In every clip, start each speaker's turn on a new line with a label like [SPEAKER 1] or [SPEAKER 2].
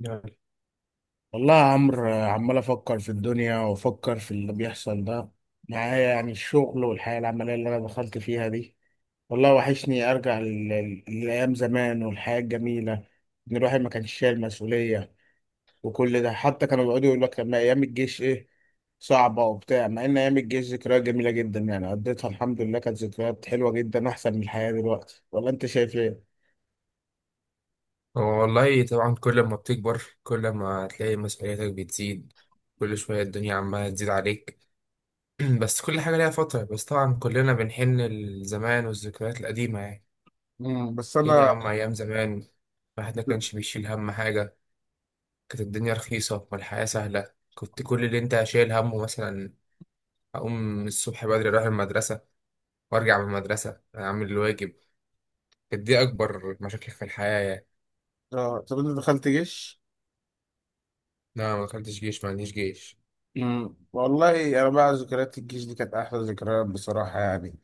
[SPEAKER 1] يعني
[SPEAKER 2] والله يا عمرو آه، عمال افكر في الدنيا وافكر في اللي بيحصل ده معايا، يعني الشغل والحياه العمليه اللي انا دخلت فيها دي. والله وحشني ارجع للايام زمان والحياه الجميله، ان الواحد ما كانش شايل مسؤوليه. وكل ده، حتى كانوا بيقعدوا يقولوا لك لما ايام الجيش ايه، صعبه وبتاع، مع ان ايام الجيش ذكريات جميله جدا، يعني قضيتها الحمد لله كانت ذكريات حلوه جدا احسن من الحياه دلوقتي. ولا انت شايف ايه؟
[SPEAKER 1] هو والله طبعا كل ما بتكبر كل ما هتلاقي مسؤولياتك بتزيد. كل شوية الدنيا عمالة تزيد عليك. بس كل حاجة ليها فترة، بس طبعا كلنا بنحن لزمان والذكريات القديمة يعني.
[SPEAKER 2] مم. بس
[SPEAKER 1] فين يا
[SPEAKER 2] انا
[SPEAKER 1] عم أيام زمان؟ الواحد ما كانش بيشيل هم حاجة. كانت الدنيا رخيصة والحياة سهلة، كنت كل اللي انت شايل همه مثلا أقوم الصبح بدري أروح المدرسة، وأرجع من المدرسة أعمل الواجب. كانت دي أكبر مشاكل في الحياة يعني.
[SPEAKER 2] آه، طب انت دخلت جيش.
[SPEAKER 1] أنا ما دخلتش جيش، ما عنديش جيش.
[SPEAKER 2] مم. والله انا بقى ذكريات الجيش دي كانت احلى ذكريات بصراحه، يعني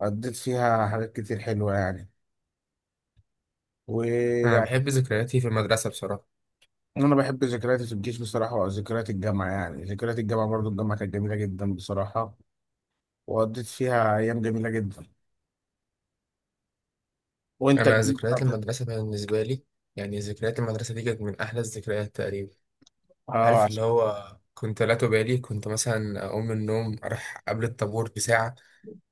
[SPEAKER 2] قضيت فيها حاجات كتير حلوه، يعني
[SPEAKER 1] أنا
[SPEAKER 2] ويعني
[SPEAKER 1] بحب ذكرياتي في المدرسة بصراحة.
[SPEAKER 2] انا بحب ذكرياتي في الجيش بصراحه، وذكريات الجامعه، يعني ذكريات الجامعه برضو الجامعه كانت جميله جدا بصراحه، وقضيت فيها ايام جميله جدا. وانت
[SPEAKER 1] أنا
[SPEAKER 2] الجامعة
[SPEAKER 1] ذكريات
[SPEAKER 2] بتاعتك-
[SPEAKER 1] المدرسة بالنسبة لي يعني ذكريات المدرسة دي كانت من أحلى الذكريات تقريبا.
[SPEAKER 2] اه
[SPEAKER 1] عارف اللي
[SPEAKER 2] عشان
[SPEAKER 1] هو كنت لا تبالي، كنت مثلا أقوم من النوم أروح قبل الطابور بساعة،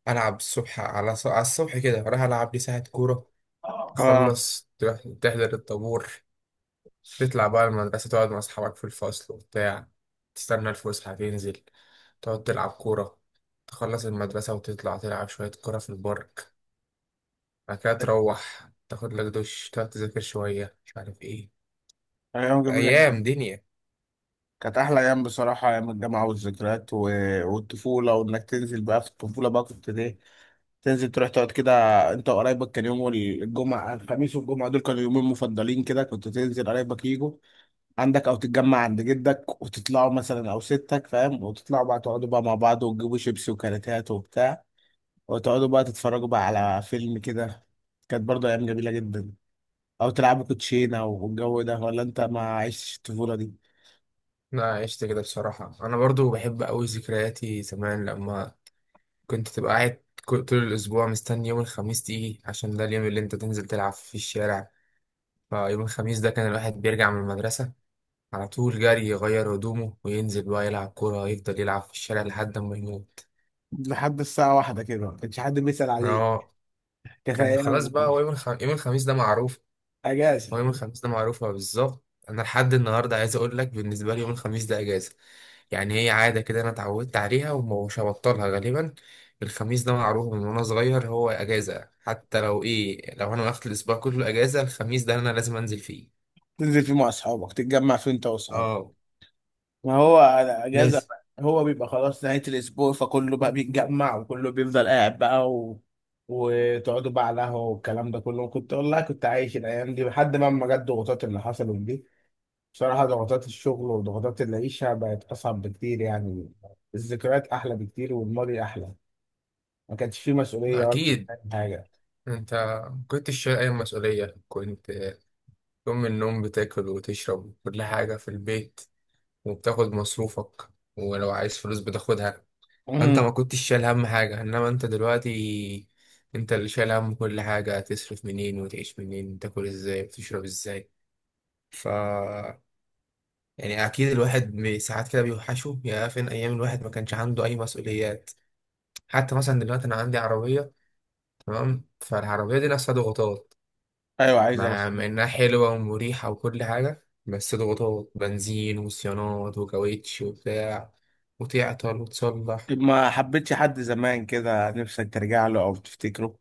[SPEAKER 1] ألعب الصبح على على الصبح كده أروح ألعب لي ساعة كورة،
[SPEAKER 2] اه،
[SPEAKER 1] أخلص تروح تحضر الطابور، تطلع بقى المدرسة تقعد مع أصحابك في الفصل وبتاع، تستنى الفسحة تنزل تقعد تلعب كورة، تخلص المدرسة وتطلع تلعب شوية كورة في البارك، بعد كده تروح تاخد لك دش تقعد تذاكر شوية مش عارف ايه.
[SPEAKER 2] ايام جميله جدا،
[SPEAKER 1] أيام دنيا.
[SPEAKER 2] كانت احلى ايام بصراحه، ايام الجامعه والذكريات، و... والطفوله. وانك تنزل بقى في الطفوله، بقى كنت ليه تنزل تروح تقعد كده انت وقرايبك. كان يوم الجمعة، الخميس والجمعة دول كانوا يومين مفضلين كده، كنت تنزل قرايبك يجوا عندك او تتجمع عند جدك وتطلعوا مثلا او ستك، فاهم، وتطلعوا بقى تقعدوا بقى مع بعض وتجيبوا شيبسي وكاراتات وبتاع، وتقعدوا بقى تتفرجوا بقى على فيلم كده. كانت برضه ايام جميلة جدا، او تلعبوا كوتشينة والجو ده. ولا انت ما عشتش الطفولة دي؟
[SPEAKER 1] أنا عشت كده بصراحة، أنا برضو بحب أوي ذكرياتي زمان لما كنت تبقى قاعد طول الأسبوع مستني يوم الخميس تيجي عشان ده اليوم اللي أنت تنزل تلعب في الشارع. فيوم الخميس ده كان الواحد بيرجع من المدرسة على طول جري يغير هدومه وينزل بقى يلعب كورة، يفضل يلعب في الشارع لحد ما يموت.
[SPEAKER 2] لحد الساعة واحدة كده ما كانش حد بيسأل عليك.
[SPEAKER 1] اه،
[SPEAKER 2] كانت
[SPEAKER 1] كان خلاص
[SPEAKER 2] ايام
[SPEAKER 1] بقى هو يوم الخميس ده معروف. هو
[SPEAKER 2] اجازة،
[SPEAKER 1] يوم الخميس ده معروفة بالظبط، أنا لحد النهاردة عايز أقول لك بالنسبة لي يوم الخميس ده أجازة. يعني هي عادة كده أنا اتعودت عليها ومش هبطلها غالبا. الخميس ده معروف من وأنا صغير هو أجازة، حتى لو إيه، لو أنا واخد الأسبوع كله أجازة الخميس ده أنا لازم أنزل فيه.
[SPEAKER 2] تنزل فيه مع اصحابك، تتجمع فيه انت واصحابك.
[SPEAKER 1] اه.
[SPEAKER 2] ما هو على اجازه
[SPEAKER 1] لازم.
[SPEAKER 2] بقى. هو بيبقى خلاص نهايه الاسبوع، فكله بقى بيتجمع وكله بيفضل قاعد بقى، و... وتقعدوا بقى على قهوه والكلام ده كله. كنت والله كنت عايش الايام دي لحد ما ما جت الضغوطات اللي حصلت دي. بصراحه ضغوطات الشغل وضغوطات العيشه بقت اصعب بكتير يعني. الذكريات احلى بكتير، والماضي احلى، ما كانش فيه مسؤوليه ولا
[SPEAKER 1] أكيد.
[SPEAKER 2] حاجه.
[SPEAKER 1] أنت ما كنتش شايل أي مسؤولية، كنت تقوم من النوم بتاكل وتشرب كل حاجة في البيت، وبتاخد مصروفك، ولو عايز فلوس بتاخدها. فانت ما
[SPEAKER 2] امم،
[SPEAKER 1] كنتش شايل هم حاجة، انما انت دلوقتي انت اللي شايل هم كل حاجة، تصرف منين وتعيش منين، تاكل ازاي وتشرب ازاي. ف يعني اكيد الواحد ساعات كده بيوحشه، يا فين ايام الواحد ما كانش عنده اي مسؤوليات. حتى مثلا دلوقتي انا عندي عربية، تمام، فالعربية دي نفسها ضغوطات،
[SPEAKER 2] ايوه عايز
[SPEAKER 1] مع
[SPEAKER 2] اوصل.
[SPEAKER 1] مع انها حلوة ومريحة وكل حاجة، بس ضغوطات بنزين وصيانات وكاوتش وبتاع، وتعطل وتصلح.
[SPEAKER 2] طب ما حبيتش حد زمان كده نفسك ترجع له او تفتكره،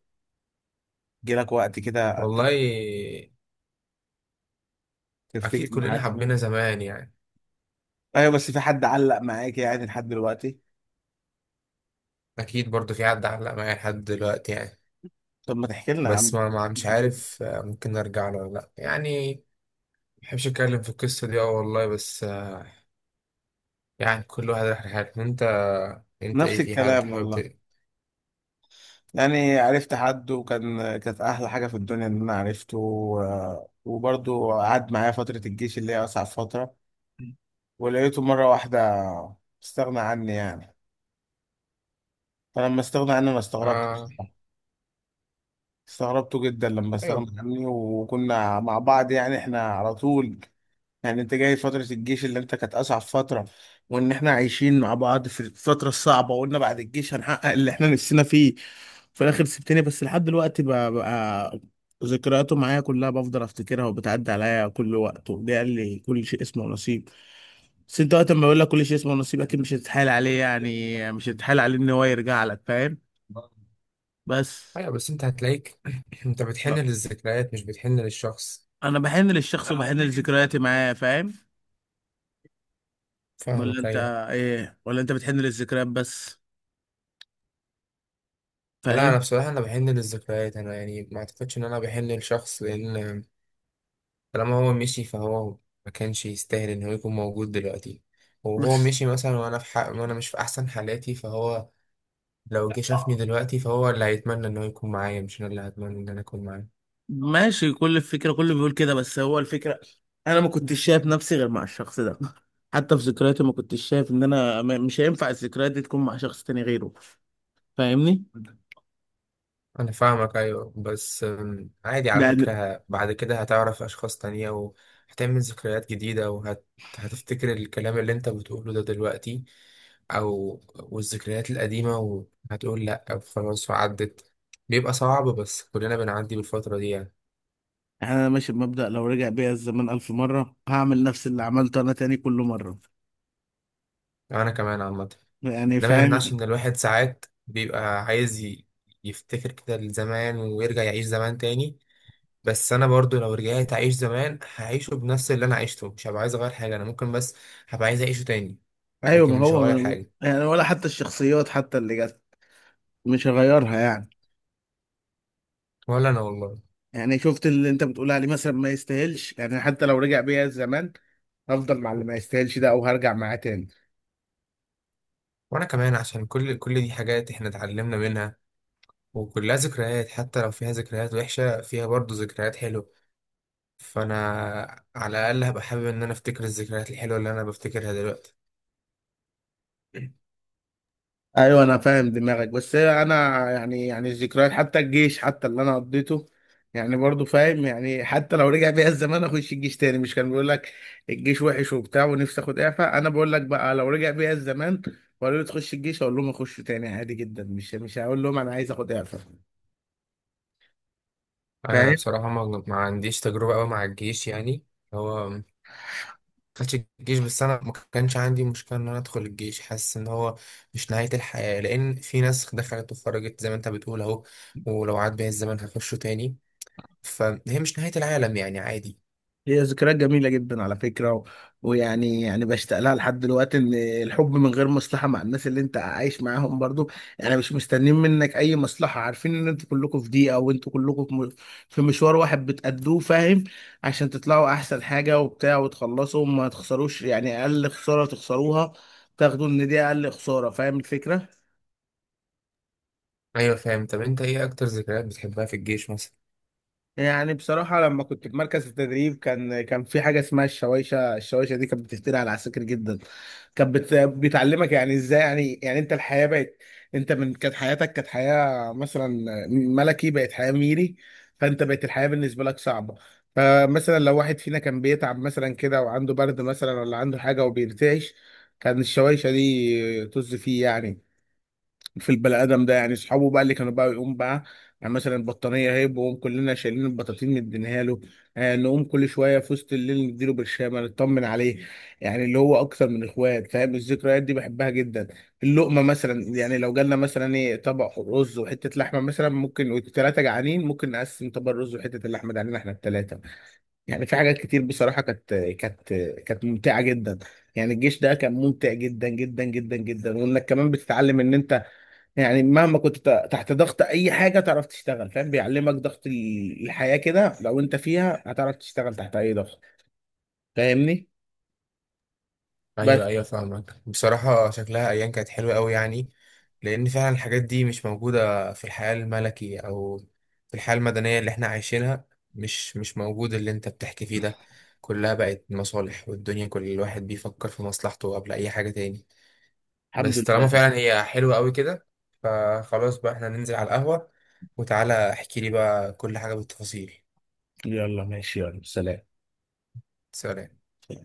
[SPEAKER 2] جيلك، وقت كده
[SPEAKER 1] والله
[SPEAKER 2] تفتكر
[SPEAKER 1] أكيد
[SPEAKER 2] معاه
[SPEAKER 1] كلنا
[SPEAKER 2] زمان؟
[SPEAKER 1] حبينا زمان يعني.
[SPEAKER 2] ايوه، بس في حد علق معاك يعني لحد دلوقتي؟
[SPEAKER 1] اكيد برضو في حد علق معايا لحد دلوقتي يعني.
[SPEAKER 2] طب ما تحكي لنا يا عم،
[SPEAKER 1] بس ما مش
[SPEAKER 2] بس كده.
[SPEAKER 1] عارف، ممكن ارجع له ولا لا يعني. ما بحبش اتكلم في القصه دي، اه والله، بس. يعني كل واحد راح لحاله. انت انت ايه،
[SPEAKER 2] نفس
[SPEAKER 1] في حد
[SPEAKER 2] الكلام
[SPEAKER 1] حابب
[SPEAKER 2] والله، يعني عرفت حد وكان كانت احلى حاجه في الدنيا ان انا عرفته، وبرضه قعد معايا فتره الجيش اللي هي اصعب فتره، ولقيته مره واحده استغنى عني يعني. فلما استغنى عني انا استغربت
[SPEAKER 1] آه؟
[SPEAKER 2] بصراحة. استغربته جدا لما
[SPEAKER 1] ايوه
[SPEAKER 2] استغنى عني، وكنا مع بعض يعني، احنا على طول، يعني انت جاي فترة الجيش اللي انت كانت اصعب فترة، وان احنا عايشين مع بعض في الفترة الصعبة، وقلنا بعد الجيش هنحقق اللي احنا نفسنا فيه. في الاخر سبتني، بس لحد دلوقتي بقى ذكرياته معايا كلها بفضل افتكرها وبتعدي عليا كل وقت. وده قال لي كل شيء اسمه نصيب، بس انت وقت ما بقول لك كل شيء اسمه نصيب اكيد مش هتتحايل عليه، يعني مش هتتحايل عليه ان هو يرجع لك، فاهم؟ بس
[SPEAKER 1] ايوه، بس انت هتلاقيك انت بتحن
[SPEAKER 2] لا،
[SPEAKER 1] للذكريات مش بتحن للشخص.
[SPEAKER 2] انا بحن للشخص وبحن لذكرياتي معاه، فاهم؟ ولا
[SPEAKER 1] فاهمك،
[SPEAKER 2] انت
[SPEAKER 1] ايوه.
[SPEAKER 2] ايه، ولا انت بتحن للذكريات بس،
[SPEAKER 1] لا انا
[SPEAKER 2] فاهم؟
[SPEAKER 1] بصراحه انا بحن للذكريات، انا يعني ما اعتقدش ان انا بحن للشخص، لان طالما هو مشي فهو ما كانش يستاهل ان هو يكون موجود دلوقتي، وهو
[SPEAKER 2] بس
[SPEAKER 1] مشي مثلا وانا في حق وانا مش في احسن حالاتي، فهو لو جه شافني دلوقتي فهو اللي هيتمنى ان هو يكون معايا، مش انا اللي هتمنى ان انا اكون معاه.
[SPEAKER 2] ماشي، كل الفكرة كله بيقول كده، بس هو الفكرة أنا ما كنتش شايف نفسي غير مع الشخص ده، حتى في ذكرياتي ما كنتش شايف إن أنا مش هينفع الذكريات دي تكون مع شخص تاني غيره. فاهمني؟
[SPEAKER 1] انا فاهمك، ايوه. بس عادي على
[SPEAKER 2] لأن
[SPEAKER 1] فكرة، بعد كده هتعرف اشخاص تانية وهتعمل ذكريات جديدة، هتفتكر الكلام اللي انت بتقوله ده دلوقتي او والذكريات القديمة، وهتقول لا خلاص وعدت. بيبقى صعب بس كلنا بنعدي بالفترة دي يعني.
[SPEAKER 2] أنا ماشي بمبدأ لو رجع بيا الزمان ألف مرة هعمل نفس اللي عملته أنا تاني كل مرة،
[SPEAKER 1] انا كمان عامه
[SPEAKER 2] يعني
[SPEAKER 1] ده ما يمنعش
[SPEAKER 2] فاهم؟
[SPEAKER 1] ان الواحد ساعات بيبقى عايز يفتكر كده لزمان ويرجع يعيش زمان تاني. بس انا برضو لو رجعت اعيش زمان هعيشه بنفس اللي انا عشته، مش هبقى عايز اغير حاجه، انا ممكن بس هبقى عايز اعيشه تاني.
[SPEAKER 2] أيوه،
[SPEAKER 1] لكن
[SPEAKER 2] ما
[SPEAKER 1] مش
[SPEAKER 2] هو
[SPEAKER 1] هغير
[SPEAKER 2] من،
[SPEAKER 1] حاجه.
[SPEAKER 2] يعني ولا حتى الشخصيات حتى اللي جت، مش هغيرها يعني.
[SPEAKER 1] ولا انا والله.
[SPEAKER 2] يعني شفت اللي أنت بتقول عليه مثلا ما يستاهلش، يعني حتى لو رجع بيا الزمان هفضل مع اللي ما يستاهلش ده او هرجع معاه تاني.
[SPEAKER 1] وانا كمان عشان كل دي حاجات احنا اتعلمنا منها، وكلها ذكريات، حتى لو فيها ذكريات وحشه فيها برضو ذكريات حلوه، فانا على الاقل هبقى حابب ان انا افتكر الذكريات الحلوه اللي انا بفتكرها دلوقتي.
[SPEAKER 2] ايوه انا فاهم دماغك، بس هي انا يعني، يعني الذكريات حتى الجيش حتى اللي انا قضيته، يعني برضو فاهم، يعني حتى لو رجع بيا الزمان اخش الجيش تاني. مش كان بيقول لك الجيش وحش وبتاع ونفسي اخد اعفاء؟ انا بقول لك بقى، لو رجع بيا الزمان وقالوا لي تخش الجيش اقول لهم اخش تاني عادي جدا، مش هقول لهم انا عايز اخد اعفاء،
[SPEAKER 1] انا
[SPEAKER 2] فاهم؟
[SPEAKER 1] بصراحه ما عنديش تجربه قوي مع الجيش يعني. ما دخلتش الجيش، بس انا ما كانش عندي مشكله ان انا ادخل الجيش، حاسس ان هو مش نهايه الحياه، لان في ناس دخلت وخرجت زي ما انت بتقول اهو، ولو عاد بيا الزمن هخشه تاني. فهي مش نهايه العالم يعني، عادي.
[SPEAKER 2] هي ذكريات جميلة جدا على فكرة، و... ويعني يعني بشتاق لها لحد دلوقتي، ان الحب من غير مصلحة مع الناس اللي انت عايش معاهم برضو، يعني مش مستنيين منك اي مصلحة، عارفين ان انتوا كلكم في دقيقة وانتوا كلكم في في مشوار واحد بتأدوه، فاهم، عشان تطلعوا احسن حاجة وبتاع وتخلصوا وما تخسروش، يعني اقل خسارة تخسروها تاخدوا ان دي اقل خسارة، فاهم الفكرة؟
[SPEAKER 1] ايوه فاهم. طب انت ايه اكتر ذكريات بتحبها في الجيش مثلا؟
[SPEAKER 2] يعني بصراحة لما كنت في مركز التدريب كان في حاجة اسمها الشوايشة، الشوايشة دي كانت بتفتري على العساكر جدا. كانت بتعلمك يعني ازاي، يعني يعني انت الحياة بقت، انت من كانت حياتك كانت حياة مثلا ملكي بقت حياة ميري، فانت بقت الحياة بالنسبة لك صعبة. فمثلا لو واحد فينا كان بيتعب مثلا كده وعنده برد مثلا ولا عنده حاجة وبيرتعش، كان الشوايشة دي طز فيه يعني، في البني ادم ده. يعني اصحابه بقى اللي كانوا بقى يقوم بقى يعني مثلا البطانيه هيب، وهم كلنا شايلين البطاطين مدينها له. آه، نقوم كل شويه في وسط الليل نديله برشامه نطمن عليه، يعني اللي هو اكتر من اخوات، فاهم؟ الذكريات دي بحبها جدا. اللقمه مثلا، يعني لو جالنا مثلا ايه طبق رز وحته لحمه مثلا، ممكن والثلاثه جعانين ممكن نقسم طبق الرز وحته اللحمه ده علينا احنا الثلاثه. يعني في حاجات كتير بصراحة، كانت ممتعة جدا. يعني الجيش ده كان ممتع جدا جدا جدا جدا، وانك كمان بتتعلم ان انت، يعني مهما كنت تحت ضغط اي حاجة تعرف تشتغل، فاهم، بيعلمك ضغط الحياة كده، لو انت فيها هتعرف تشتغل تحت اي ضغط، فاهمني؟
[SPEAKER 1] ايوه
[SPEAKER 2] بس
[SPEAKER 1] ايوه فاهمك، بصراحه شكلها ايام كانت حلوه قوي يعني. لان فعلا الحاجات دي مش موجوده في الحياه الملكي او في الحياه المدنيه اللي احنا عايشينها، مش موجود اللي انت بتحكي فيه ده. كلها بقت مصالح، والدنيا كل الواحد بيفكر في مصلحته قبل اي حاجه تاني.
[SPEAKER 2] الحمد
[SPEAKER 1] بس طالما
[SPEAKER 2] لله،
[SPEAKER 1] فعلا هي حلوه قوي كده، فخلاص بقى احنا ننزل على القهوه، وتعالى احكي لي بقى كل حاجه بالتفاصيل.
[SPEAKER 2] يلا ماشي، يلا سلام.
[SPEAKER 1] سلام.